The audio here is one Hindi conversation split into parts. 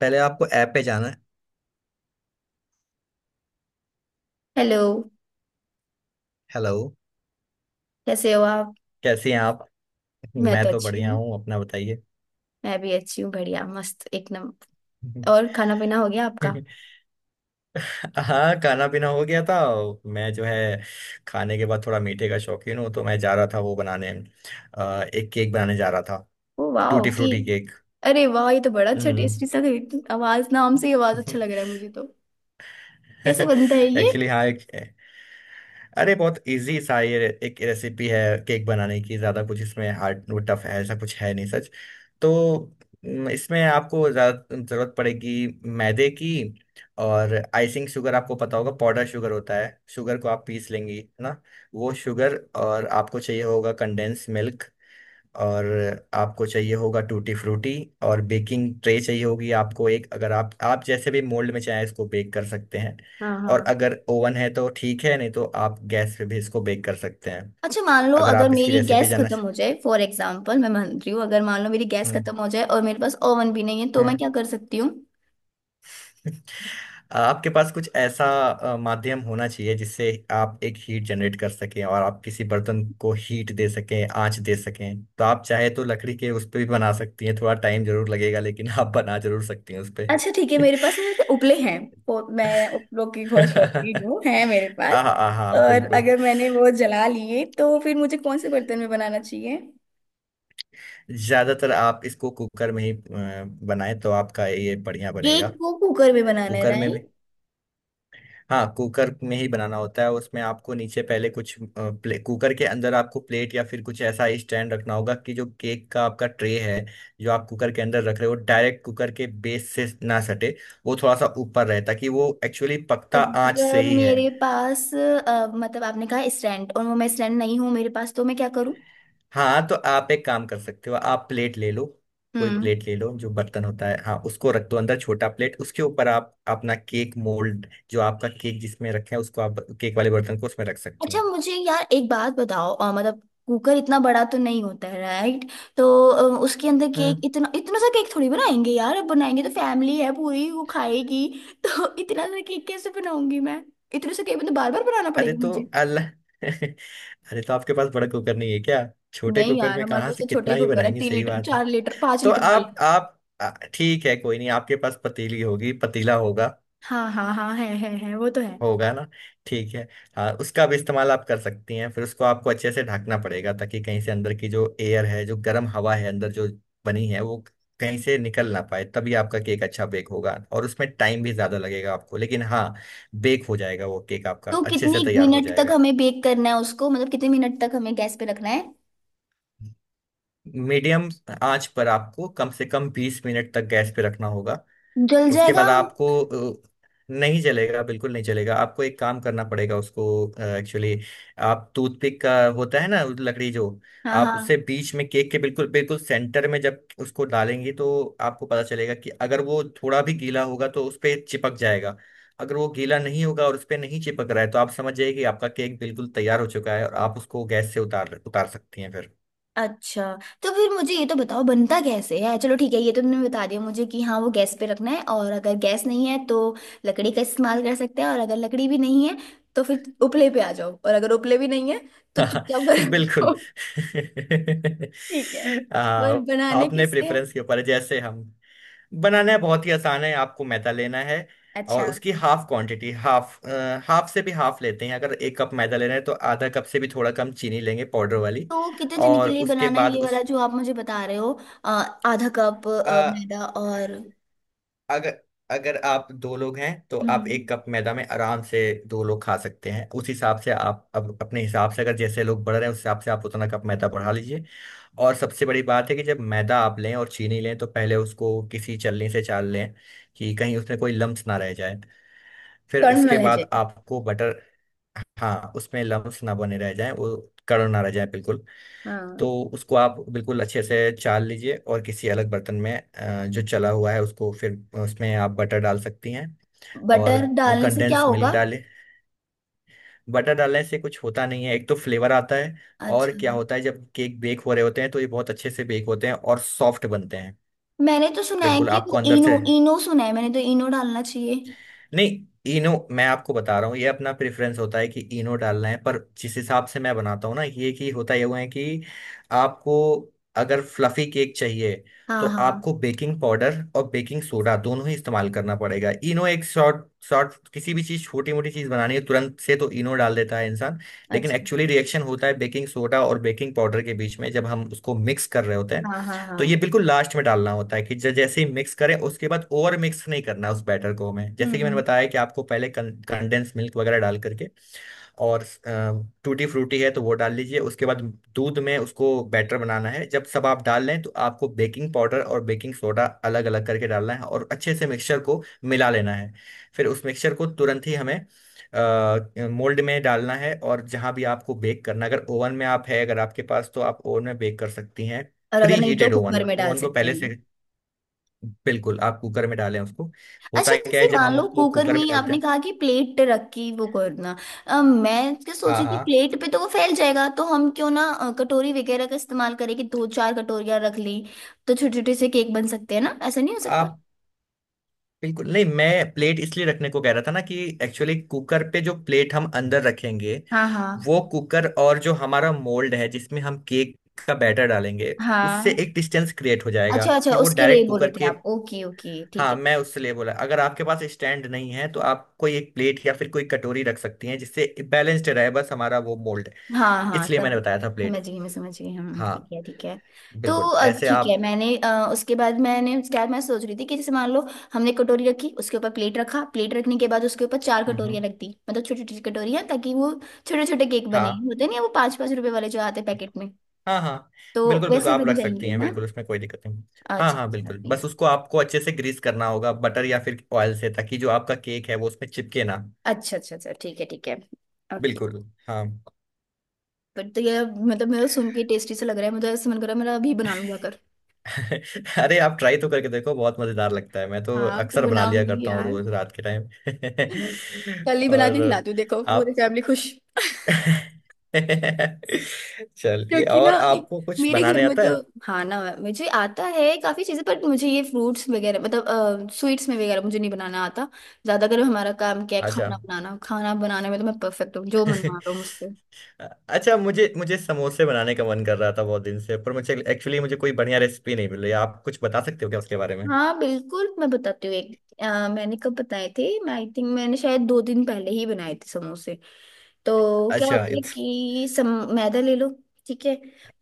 पहले आपको ऐप पे जाना है। हेलो। हेलो। कैसे हो आप। कैसी हैं आप? मैं तो मैं तो अच्छी बढ़िया हूँ। हूँ, अपना बताइए। मैं भी अच्छी हूँ, बढ़िया मस्त, एक नंबर। और खाना पीना हो गया आपका। हाँ, खाना पीना हो गया था। मैं जो है, खाने के बाद थोड़ा मीठे का शौकीन हूँ, तो मैं जा रहा था वो बनाने। एक केक बनाने जा रहा था। ओ वाह, टूटी की। Frutti cake. अरे वाह, ये तो बड़ा अच्छा हम्म। टेस्टी सा है। आवाज, नाम से ही आवाज अच्छा लग रहा है मुझे तो। कैसे बनता है ये। एक्चुअली हाँ एक। अरे बहुत इजी सा ये एक रेसिपी है केक बनाने की। ज़्यादा कुछ इसमें हार्ड वो टफ है ऐसा कुछ है नहीं, सच। तो इसमें आपको ज़्यादा ज़रूरत पड़ेगी मैदे की। और आइसिंग शुगर आपको पता होगा, पाउडर शुगर होता है, शुगर को आप पीस लेंगी, है ना? वो शुगर। और आपको चाहिए होगा कंडेंस मिल्क। और आपको चाहिए होगा टूटी फ्रूटी। और बेकिंग ट्रे चाहिए होगी आपको एक। अगर आप जैसे भी मोल्ड में चाहें इसको बेक कर सकते हैं। हाँ और हाँ। अगर ओवन है तो ठीक है, नहीं तो आप गैस पे भी इसको बेक कर सकते हैं। अच्छा, मान लो अगर अगर आप इसकी मेरी रेसिपी गैस जानना। खत्म हो जाए, फॉर एग्जाम्पल मैं मान रही हूँ, अगर मान लो मेरी गैस हम्म। खत्म हो जाए और मेरे पास ओवन भी नहीं है, तो मैं हम्म। क्या कर सकती हूँ। आपके पास कुछ ऐसा माध्यम होना चाहिए जिससे आप एक हीट जनरेट कर सकें और आप किसी बर्तन को हीट दे सकें, आंच दे सकें। तो आप चाहे तो लकड़ी के उस पे भी बना सकती हैं, थोड़ा टाइम जरूर लगेगा, लेकिन आप बना जरूर सकती हैं उस पे। अच्छा ठीक है, मेरे पास ना वैसे उपले हैं। मैं उपलों की बहुत शौकीन हूँ, है मेरे हाँ, पास। हाँ, हाँ, और बिल्कुल। अगर मैंने वो जला लिए, तो फिर मुझे कौन से बर्तन में बनाना चाहिए। ज्यादातर आप इसको कुकर में ही बनाएं तो आपका ये बढ़िया बनेगा। केक को कुकर में बनाना है, कुकर में भी। राइट। हाँ कुकर में ही बनाना होता है। उसमें आपको नीचे पहले कुछ कुकर के अंदर आपको प्लेट या फिर कुछ ऐसा स्टैंड रखना होगा, कि जो केक का आपका ट्रे है, जो आप कुकर के अंदर रख रहे हो, डायरेक्ट कुकर के बेस से ना सटे। वो थोड़ा सा ऊपर रहे, ताकि वो एक्चुअली पकता आंच से अगर ही है। मेरे पास मतलब आपने कहा स्टैंड, और वो मैं स्टैंड नहीं हूँ मेरे पास, तो मैं क्या करूँ। हाँ, तो आप एक काम कर सकते हो, आप प्लेट ले लो। कोई हम्म। प्लेट ले लो, जो बर्तन होता है, हाँ, उसको रख दो अंदर छोटा प्लेट, उसके ऊपर आप अपना केक मोल्ड, जो आपका केक जिसमें रखे हैं, उसको आप केक वाले बर्तन को उसमें रख सकती अच्छा हैं। मुझे यार एक बात बताओ, मतलब कुकर इतना बड़ा तो नहीं होता है, राइट। तो उसके अंदर केक, हम्म। इतना इतना सा केक थोड़ी बनाएंगे यार। अब बनाएंगे तो फैमिली है पूरी, वो खाएगी। तो इतना सा केक कैसे बनाऊंगी मैं। इतने से केक तो बार बार बनाना अरे पड़ेगा तो मुझे। अल्लाह। अरे तो आपके पास बड़ा कुकर नहीं है क्या? छोटे नहीं कुकर यार, में हमारे कहाँ पास से तो छोटा कितना ही ही कुकर है, बनाएंगे, तीन सही लीटर बात है। 4 लीटर पांच तो लीटर वाला। आप ठीक है कोई नहीं, आपके पास पतीली होगी, पतीला होगा। हाँ हाँ हाँ, है, वो तो है। होगा ना? ठीक है। हाँ उसका भी इस्तेमाल आप कर सकती हैं। फिर उसको आपको अच्छे से ढकना पड़ेगा, ताकि कहीं से अंदर की जो एयर है, जो गर्म हवा है अंदर जो बनी है, वो कहीं से निकल ना पाए, तभी आपका केक अच्छा बेक होगा। और उसमें टाइम भी ज्यादा लगेगा आपको, लेकिन हाँ बेक हो जाएगा वो केक, आपका तो अच्छे कितनी से तैयार हो मिनट तक जाएगा। हमें बेक करना है उसको, मतलब कितने मिनट तक हमें गैस पे रखना है। मीडियम आंच पर आपको कम से कम 20 मिनट तक गैस पे रखना होगा। जल उसके जाएगा। बाद आपको अ, नहीं चलेगा, बिल्कुल नहीं चलेगा। आपको एक काम करना पड़ेगा उसको, एक्चुअली आप टूथपिक का होता है ना, उस लकड़ी जो, हाँ आप उससे हाँ। बीच में केक के बिल्कुल बिल्कुल सेंटर में जब उसको डालेंगे, तो आपको पता चलेगा कि अगर वो थोड़ा भी गीला होगा तो उस पे चिपक जाएगा। अगर वो गीला नहीं होगा और उस पे नहीं चिपक रहा है, तो आप समझ जाइए कि आपका केक बिल्कुल तैयार हो चुका है, और आप उसको गैस से उतार उतार सकती हैं फिर। अच्छा। तो फिर मुझे ये तो बताओ बनता कैसे है। चलो ठीक है, ये तो तुमने बता दिया मुझे कि हाँ वो गैस पे रखना है, और अगर गैस नहीं है तो लकड़ी का इस्तेमाल कर सकते हैं, और अगर लकड़ी भी नहीं है तो फिर उपले पे आ जाओ, और अगर उपले भी नहीं है तो चुपचाप घर बिल्कुल। जाओ। ठीक है। आ, पर बनाने आपने किससे है? प्रेफरेंस के ऊपर है, जैसे हम बनाना है, बहुत ही आसान है। आपको मैदा लेना है, और अच्छा, उसकी हाफ क्वांटिटी, हाफ, हाफ से भी हाफ लेते हैं। अगर एक कप मैदा ले रहे हैं तो आधा कप से भी थोड़ा कम चीनी लेंगे, पाउडर वाली। तो कितने जने के और लिए उसके बनाना है बाद ये वाला जो आप मुझे बता रहे हो। अ, आधा कप उस मैदा, और। अगर अगर आप दो लोग हैं तो आप हम्म। एक कप मैदा में आराम से दो लोग खा सकते हैं। उस हिसाब से आप अब अपने हिसाब से, अगर जैसे लोग बढ़ रहे हैं उस हिसाब से आप उतना कप मैदा बढ़ा लीजिए। और सबसे बड़ी बात है कि जब मैदा आप लें और चीनी लें तो पहले उसको किसी छलनी से चाल लें, कि कहीं उसमें कोई लम्स ना रह जाए। फिर उसके कर्नल है जी। बाद आपको बटर। हाँ उसमें लम्स ना बने रह जाए, वो कड़क ना रह जाए बिल्कुल। तो हाँ। उसको आप बिल्कुल अच्छे से चाल लीजिए और किसी अलग बर्तन में जो चला हुआ है उसको फिर उसमें आप बटर डाल सकती हैं। और बटर डालने से क्या कंडेंस मिल्क होगा। डालें। बटर डालने से कुछ होता नहीं है, एक तो फ्लेवर आता है। और अच्छा। क्या होता है, जब केक बेक हो रहे होते हैं तो ये बहुत अच्छे से बेक होते हैं और सॉफ्ट बनते हैं। मैंने तो सुना है बिल्कुल कि आपको वो अंदर से इनो इनो सुना है मैंने तो, इनो डालना चाहिए। नहीं। इनो मैं आपको बता रहा हूँ, ये अपना प्रेफरेंस होता है कि इनो डालना है। पर जिस हिसाब से मैं बनाता हूँ ना, ये कि होता ये हुआ है कि आपको अगर फ्लफी केक चाहिए हाँ तो हाँ। आपको बेकिंग पाउडर और बेकिंग सोडा दोनों ही इस्तेमाल करना पड़ेगा। इनो एक शॉर्ट शॉर्ट किसी भी चीज़ छोटी मोटी चीज़ बनानी है तुरंत से, तो इनो डाल देता है इंसान। लेकिन अच्छा। एक्चुअली रिएक्शन होता है बेकिंग सोडा और बेकिंग पाउडर के बीच में जब हम उसको मिक्स कर रहे होते हैं, हाँ हाँ हाँ। तो ये बिल्कुल लास्ट में डालना होता है। कि जैसे ही मिक्स करें उसके बाद ओवर मिक्स नहीं करना उस बैटर को। हमें जैसे कि मैंने हम्म। बताया कि आपको पहले कंडेंस मिल्क वगैरह डाल करके और टूटी फ्रूटी है तो वो डाल लीजिए। उसके बाद दूध में उसको बैटर बनाना है। जब सब आप डाल लें तो आपको बेकिंग पाउडर और बेकिंग सोडा अलग अलग करके डालना है और अच्छे से मिक्सचर को मिला लेना है। फिर उस मिक्सचर को तुरंत ही हमें मोल्ड में डालना है। और जहाँ भी आपको बेक करना, अगर ओवन में आप है अगर आपके पास, तो आप ओवन में बेक कर सकती हैं। और प्री अगर नहीं तो हीटेड कुकर ओवन में डाल ओवन को सकते हैं पहले से हम। बिल्कुल आप कुकर में डालें उसको। होता अच्छा, है क्या जैसे है जब मान हम लो उसको कुकर कुकर में में डालते आपने हैं। कहा कि प्लेट रखी, वो करना, मैं क्या सोची थी, हाँ प्लेट पे तो वो फैल जाएगा, तो हम क्यों ना कटोरी वगैरह का इस्तेमाल करें, कि दो चार कटोरियां रख ली। तो छोटे छोटे से केक बन सकते हैं ना, ऐसा नहीं हो सकता। हाँ बिल्कुल नहीं, मैं प्लेट इसलिए रखने को कह रहा था ना कि एक्चुअली कुकर पे जो प्लेट हम अंदर रखेंगे, हाँ हाँ वो कुकर और जो हमारा मोल्ड है जिसमें हम केक का बैटर डालेंगे, उससे हाँ। एक डिस्टेंस क्रिएट हो जाएगा अच्छा अच्छा, कि वो उसके लिए डायरेक्ट बोल रहे कुकर थे के। आप, ओके ओके ठीक हाँ है। मैं उससे लिए बोला, अगर आपके पास स्टैंड नहीं है तो आप कोई एक प्लेट या फिर कोई कटोरी रख सकती हैं, जिससे बैलेंस्ड रहे बस हमारा वो मोल्ड। हाँ हाँ इसलिए मैंने सम, बताया था समझ प्लेट। गई, मैं समझ गई, हम हाँ ठीक है ठीक है। तो बिल्कुल ऐसे ठीक है, आप। मैंने उसके बाद मैंने क्या मैं सोच रही थी कि, जैसे मान लो हमने कटोरी रखी, उसके ऊपर प्लेट रखा, प्लेट रखने के बाद उसके ऊपर चार हम्म। कटोरियाँ रख दी, मतलब छोटी छोटी कटोरियाँ, ताकि वो छोटे छोटे केक बने, हाँ होते नहीं है वो 5-5 रुपए वाले जो आते हैं पैकेट में। हाँ हाँ तो बिल्कुल बिल्कुल वैसे आप बन रख सकती जाएंगे हैं, ना। बिल्कुल उसमें कोई दिक्कत नहीं। हाँ अच्छा हाँ अच्छा बिल्कुल, बस please। उसको आपको अच्छे से ग्रीस करना होगा बटर या फिर ऑयल से, ताकि जो आपका केक है वो उसमें चिपके ना। अच्छा अच्छा अच्छा ठीक है ठीक है। ओके। बिल्कुल। हाँ। पर तो ये, मतलब मेरा सुन के टेस्टी सा लग रहा है मुझे, ऐसे मन कर रहा है मेरा अभी बना लूंगा कर। अरे आप ट्राई तो करके देखो, बहुत मज़ेदार लगता है। मैं तो हाँ, तो अक्सर बना लिया बनाऊंगी करता हूँ यार। रोज रात के टाइम। कल ही बना के और खिलाती हूँ, देखो पूरी आप। फैमिली खुश चलिए, क्योंकि और ना, आपको कुछ मेरे घर बनाने में आता तो, है? खाना मुझे आता है काफी चीजें, पर मुझे ये फ्रूट्स वगैरह मतलब स्वीट्स में वगैरह मुझे नहीं बनाना आता। ज्यादातर हमारा काम क्या है, अच्छा। खाना बनाना, खाना बनाने में तो मैं परफेक्ट हूँ, जो मन मारो मुझसे। अच्छा, मुझे मुझे समोसे बनाने का मन कर रहा था बहुत दिन से, पर मुझे एक्चुअली मुझे कोई बढ़िया रेसिपी नहीं मिल रही। आप कुछ बता सकते हो क्या उसके बारे में? हाँ बिल्कुल, मैं बताती हूँ एक। मैंने कब बताए थे, मैं आई थिंक मैंने शायद 2 दिन पहले ही बनाए थे समोसे। तो क्या अच्छा होता है इट्स। कि, सम मैदा ले लो। ठीक है।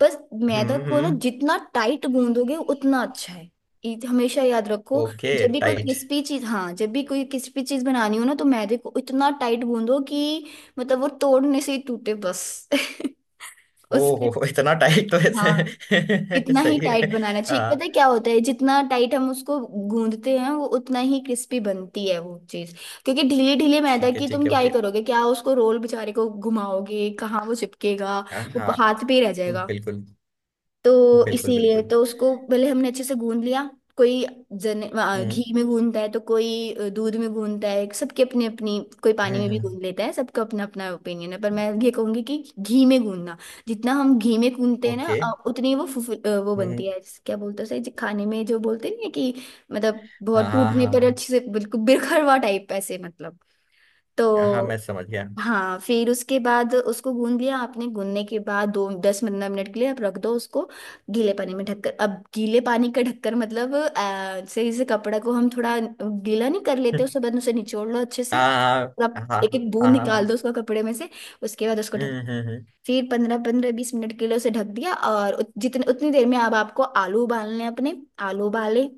बस। मैदा हम्म। को ना हम्म। जितना टाइट गूंदोगे उतना अच्छा है। ये हमेशा याद रखो। ओके जब भी कोई टाइट। क्रिस्पी चीज हाँ, जब भी कोई क्रिस्पी चीज बनानी हो ना, तो मैदे को इतना टाइट गूंदो कि, मतलब वो तोड़ने से ही टूटे बस उसके। ओहो, इतना टाइट? तो हाँ, ऐसे इतना ही सही टाइट है। बनाना चाहिए। हाँ पता है क्या होता है, जितना टाइट हम उसको गूंदते हैं वो उतना ही क्रिस्पी बनती है वो चीज। क्योंकि ढीले ढीले मैदा की ठीक तुम है क्या ही ओके। करोगे, क्या उसको रोल बेचारे को घुमाओगे, कहाँ वो चिपकेगा। वो हाँ हाथ पे ही रह जाएगा। बिल्कुल तो बिल्कुल इसीलिए बिल्कुल। तो उसको पहले हमने अच्छे से गूंद लिया। कोई जने हम्म। घी में गूंदता है, तो कोई दूध में गूंदता है, सबके अपनी अपनी, कोई पानी हम्म। में भी हम्म। गूंद लेता है, सबका अपना अपना ओपिनियन है। पर मैं ये कहूंगी कि घी में गूंदना, जितना हम घी में गूंदते हैं ना ओके। उतनी वो वो हम्म। बनती है। क्या बोलते हैं उसे, जो खाने में जो बोलते नहीं है कि, मतलब हाँ बहुत टूटने पर हाँ अच्छे से बिल्कुल बिरखरवा टाइप ऐसे, मतलब। हाँ। हाँ तो मैं समझ गया। हाँ, फिर उसके बाद उसको गूंद लिया आपने। गूंदने के बाद दो 10-15 मिनट के लिए आप रख दो उसको गीले पानी में ढककर। अब गीले पानी का ढककर मतलब सही से कपड़ा को, हम थोड़ा गीला नहीं कर लेते, उसके बाद उसे निचोड़ लो अच्छे से, हाँ और आप हाँ हाँ एक एक हाँ बूंद निकाल दो हाँ। उसका कपड़े में से। उसके बाद उसको ढक, हम्म। हम्म। फिर 15-15 20 मिनट के लिए उसे ढक दिया। और जितने उतनी देर में अब आपको आलू उबालने हैं अपने। आलू उबाले,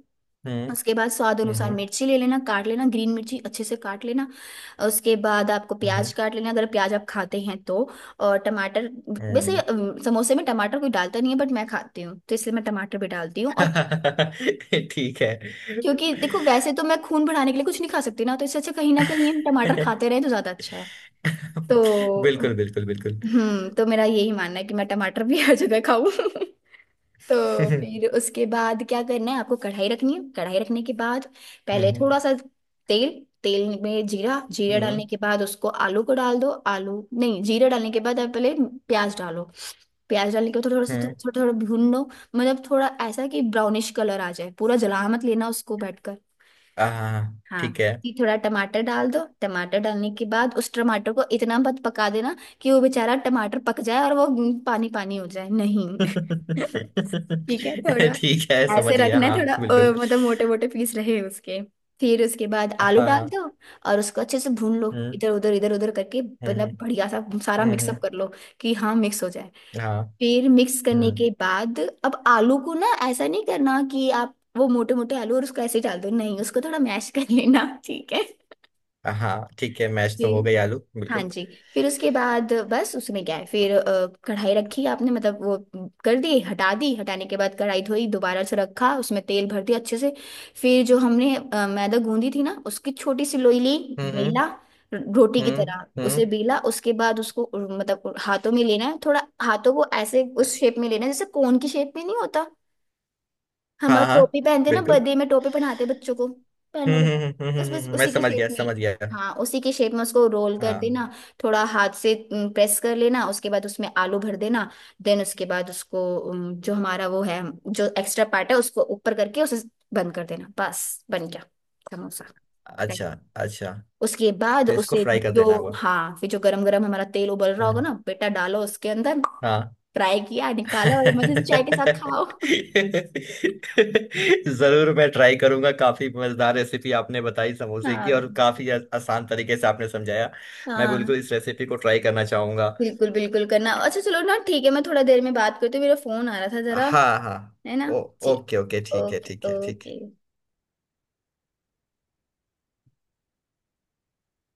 हम्म। उसके बाद स्वाद हम्म। हम्म। अनुसार हम्म। मिर्ची ले लेना, काट लेना, ग्रीन मिर्ची अच्छे से काट लेना। उसके बाद आपको हम्म, प्याज काट लेना, अगर प्याज आप खाते हैं तो। और टमाटर। वैसे हम्म। समोसे में टमाटर कोई डालता नहीं है, बट मैं खाती हूँ तो इसलिए मैं टमाटर भी डालती हूँ। और ठीक है। क्योंकि देखो वैसे तो मैं खून बढ़ाने के लिए कुछ नहीं खा सकती ना, तो इससे अच्छा कहीं ना कहीं हम टमाटर खाते रहे तो ज्यादा अच्छा है। तो बिल्कुल बिल्कुल बिल्कुल। हम्म, तो मेरा यही मानना है कि मैं टमाटर भी हर जगह खाऊं तो हम्म। फिर उसके बाद क्या करना है आपको, कढ़ाई रखनी है। कढ़ाई रखने के बाद पहले थोड़ा सा तेल, तेल में जीरा, जीरा हम्म। डालने के बाद उसको आलू को डाल दो, आलू नहीं, जीरा डालने के बाद आप पहले प्याज डालो। प्याज डालने के बाद थोड़ा सा, हम्म। थोड़ा थोड़ा भून लो, मतलब थोड़ा ऐसा कि ब्राउनिश कलर आ जाए, पूरा जला मत लेना उसको बैठकर। हाँ हाँ। ठीक है। फिर थोड़ा टमाटर डाल दो। टमाटर डालने के बाद उस टमाटर को इतना मत पका देना कि वो बेचारा टमाटर पक जाए और वो पानी पानी हो जाए, नहीं ठीक है। थोड़ा ठीक है समझ ऐसे गया, रखना है, हाँ थोड़ा बिल्कुल। मतलब मोटे मोटे पीस रहे उसके। फिर उसके बाद आलू हाँ हाँ। डाल दो, और उसको अच्छे से भून लो, हम्म। इधर उधर करके, हम्म। हम्म। मतलब बढ़िया सा सारा हम्म, मिक्सअप हम्म। कर लो, कि हाँ मिक्स हो जाए। हाँ। फिर मिक्स करने हम्म। के बाद, अब आलू को ना ऐसा नहीं करना कि आप वो मोटे मोटे आलू और उसको ऐसे ही डाल दो, नहीं उसको थोड़ा मैश कर लेना, ठीक हाँ ठीक है, मैच है। तो हो गई आलू, हाँ बिल्कुल। जी। फिर उसके बाद बस उसमें क्या है। फिर कढ़ाई रखी आपने, मतलब वो कर दी, हटा दी, हटाने के बाद कढ़ाई धोई, दोबारा से रखा, उसमें तेल भर दिया अच्छे से। फिर जो हमने मैदा गूंदी थी ना, उसकी छोटी सी लोई ली। हम्म। हम्म। बेला, रोटी की हम्म। तरह उसे हम्म, बेला। उसके बाद उसको मतलब हाथों में लेना है, थोड़ा हाथों को ऐसे उस शेप में लेना है जैसे कोन की शेप में नहीं होता। हम और, हाँ हाँ टोपी पहनते हैं ना, बिल्कुल। बर्थडे में टोपी पहनाते हैं बच्चों को, पहन लो हम्म। बेटा, हम्म। हम्म। बस बस मैं उसी की समझ शेप गया में। समझ गया। हाँ, उसी की शेप में उसको रोल कर हाँ। देना। थोड़ा हाथ से प्रेस कर लेना, उसके बाद उसमें आलू भर देना। देन उसके बाद उसको, जो हमारा वो है जो एक्स्ट्रा पार्ट है, उसको ऊपर करके उसे बंद कर देना। बस, बन गया समोसा। Thank अच्छा you. अच्छा। उसके बाद फिर इसको उसे, फ्राई कर देना जो, हुआ? हाँ फिर जो गरम गरम हमारा तेल उबल रहा होगा हम्म। ना, बेटा डालो उसके अंदर। हाँ। फ्राई किया, निकालो, और मजे से चाय के साथ खाओ जरूर मैं ट्राई करूंगा, काफी मजेदार रेसिपी आपने बताई समोसे की, हाँ और काफी आसान तरीके से आपने समझाया। मैं हाँ, बिल्कुल इस रेसिपी को ट्राई करना चाहूंगा। बिल्कुल बिल्कुल करना। अच्छा चलो ना, ठीक है, मैं थोड़ा देर में बात करती हूँ, मेरा फोन आ रहा था जरा, हाँ हाँ। है ना। ओ। जी। ओके ओके ठीक है ओके ठीक है ठीक है। ओके।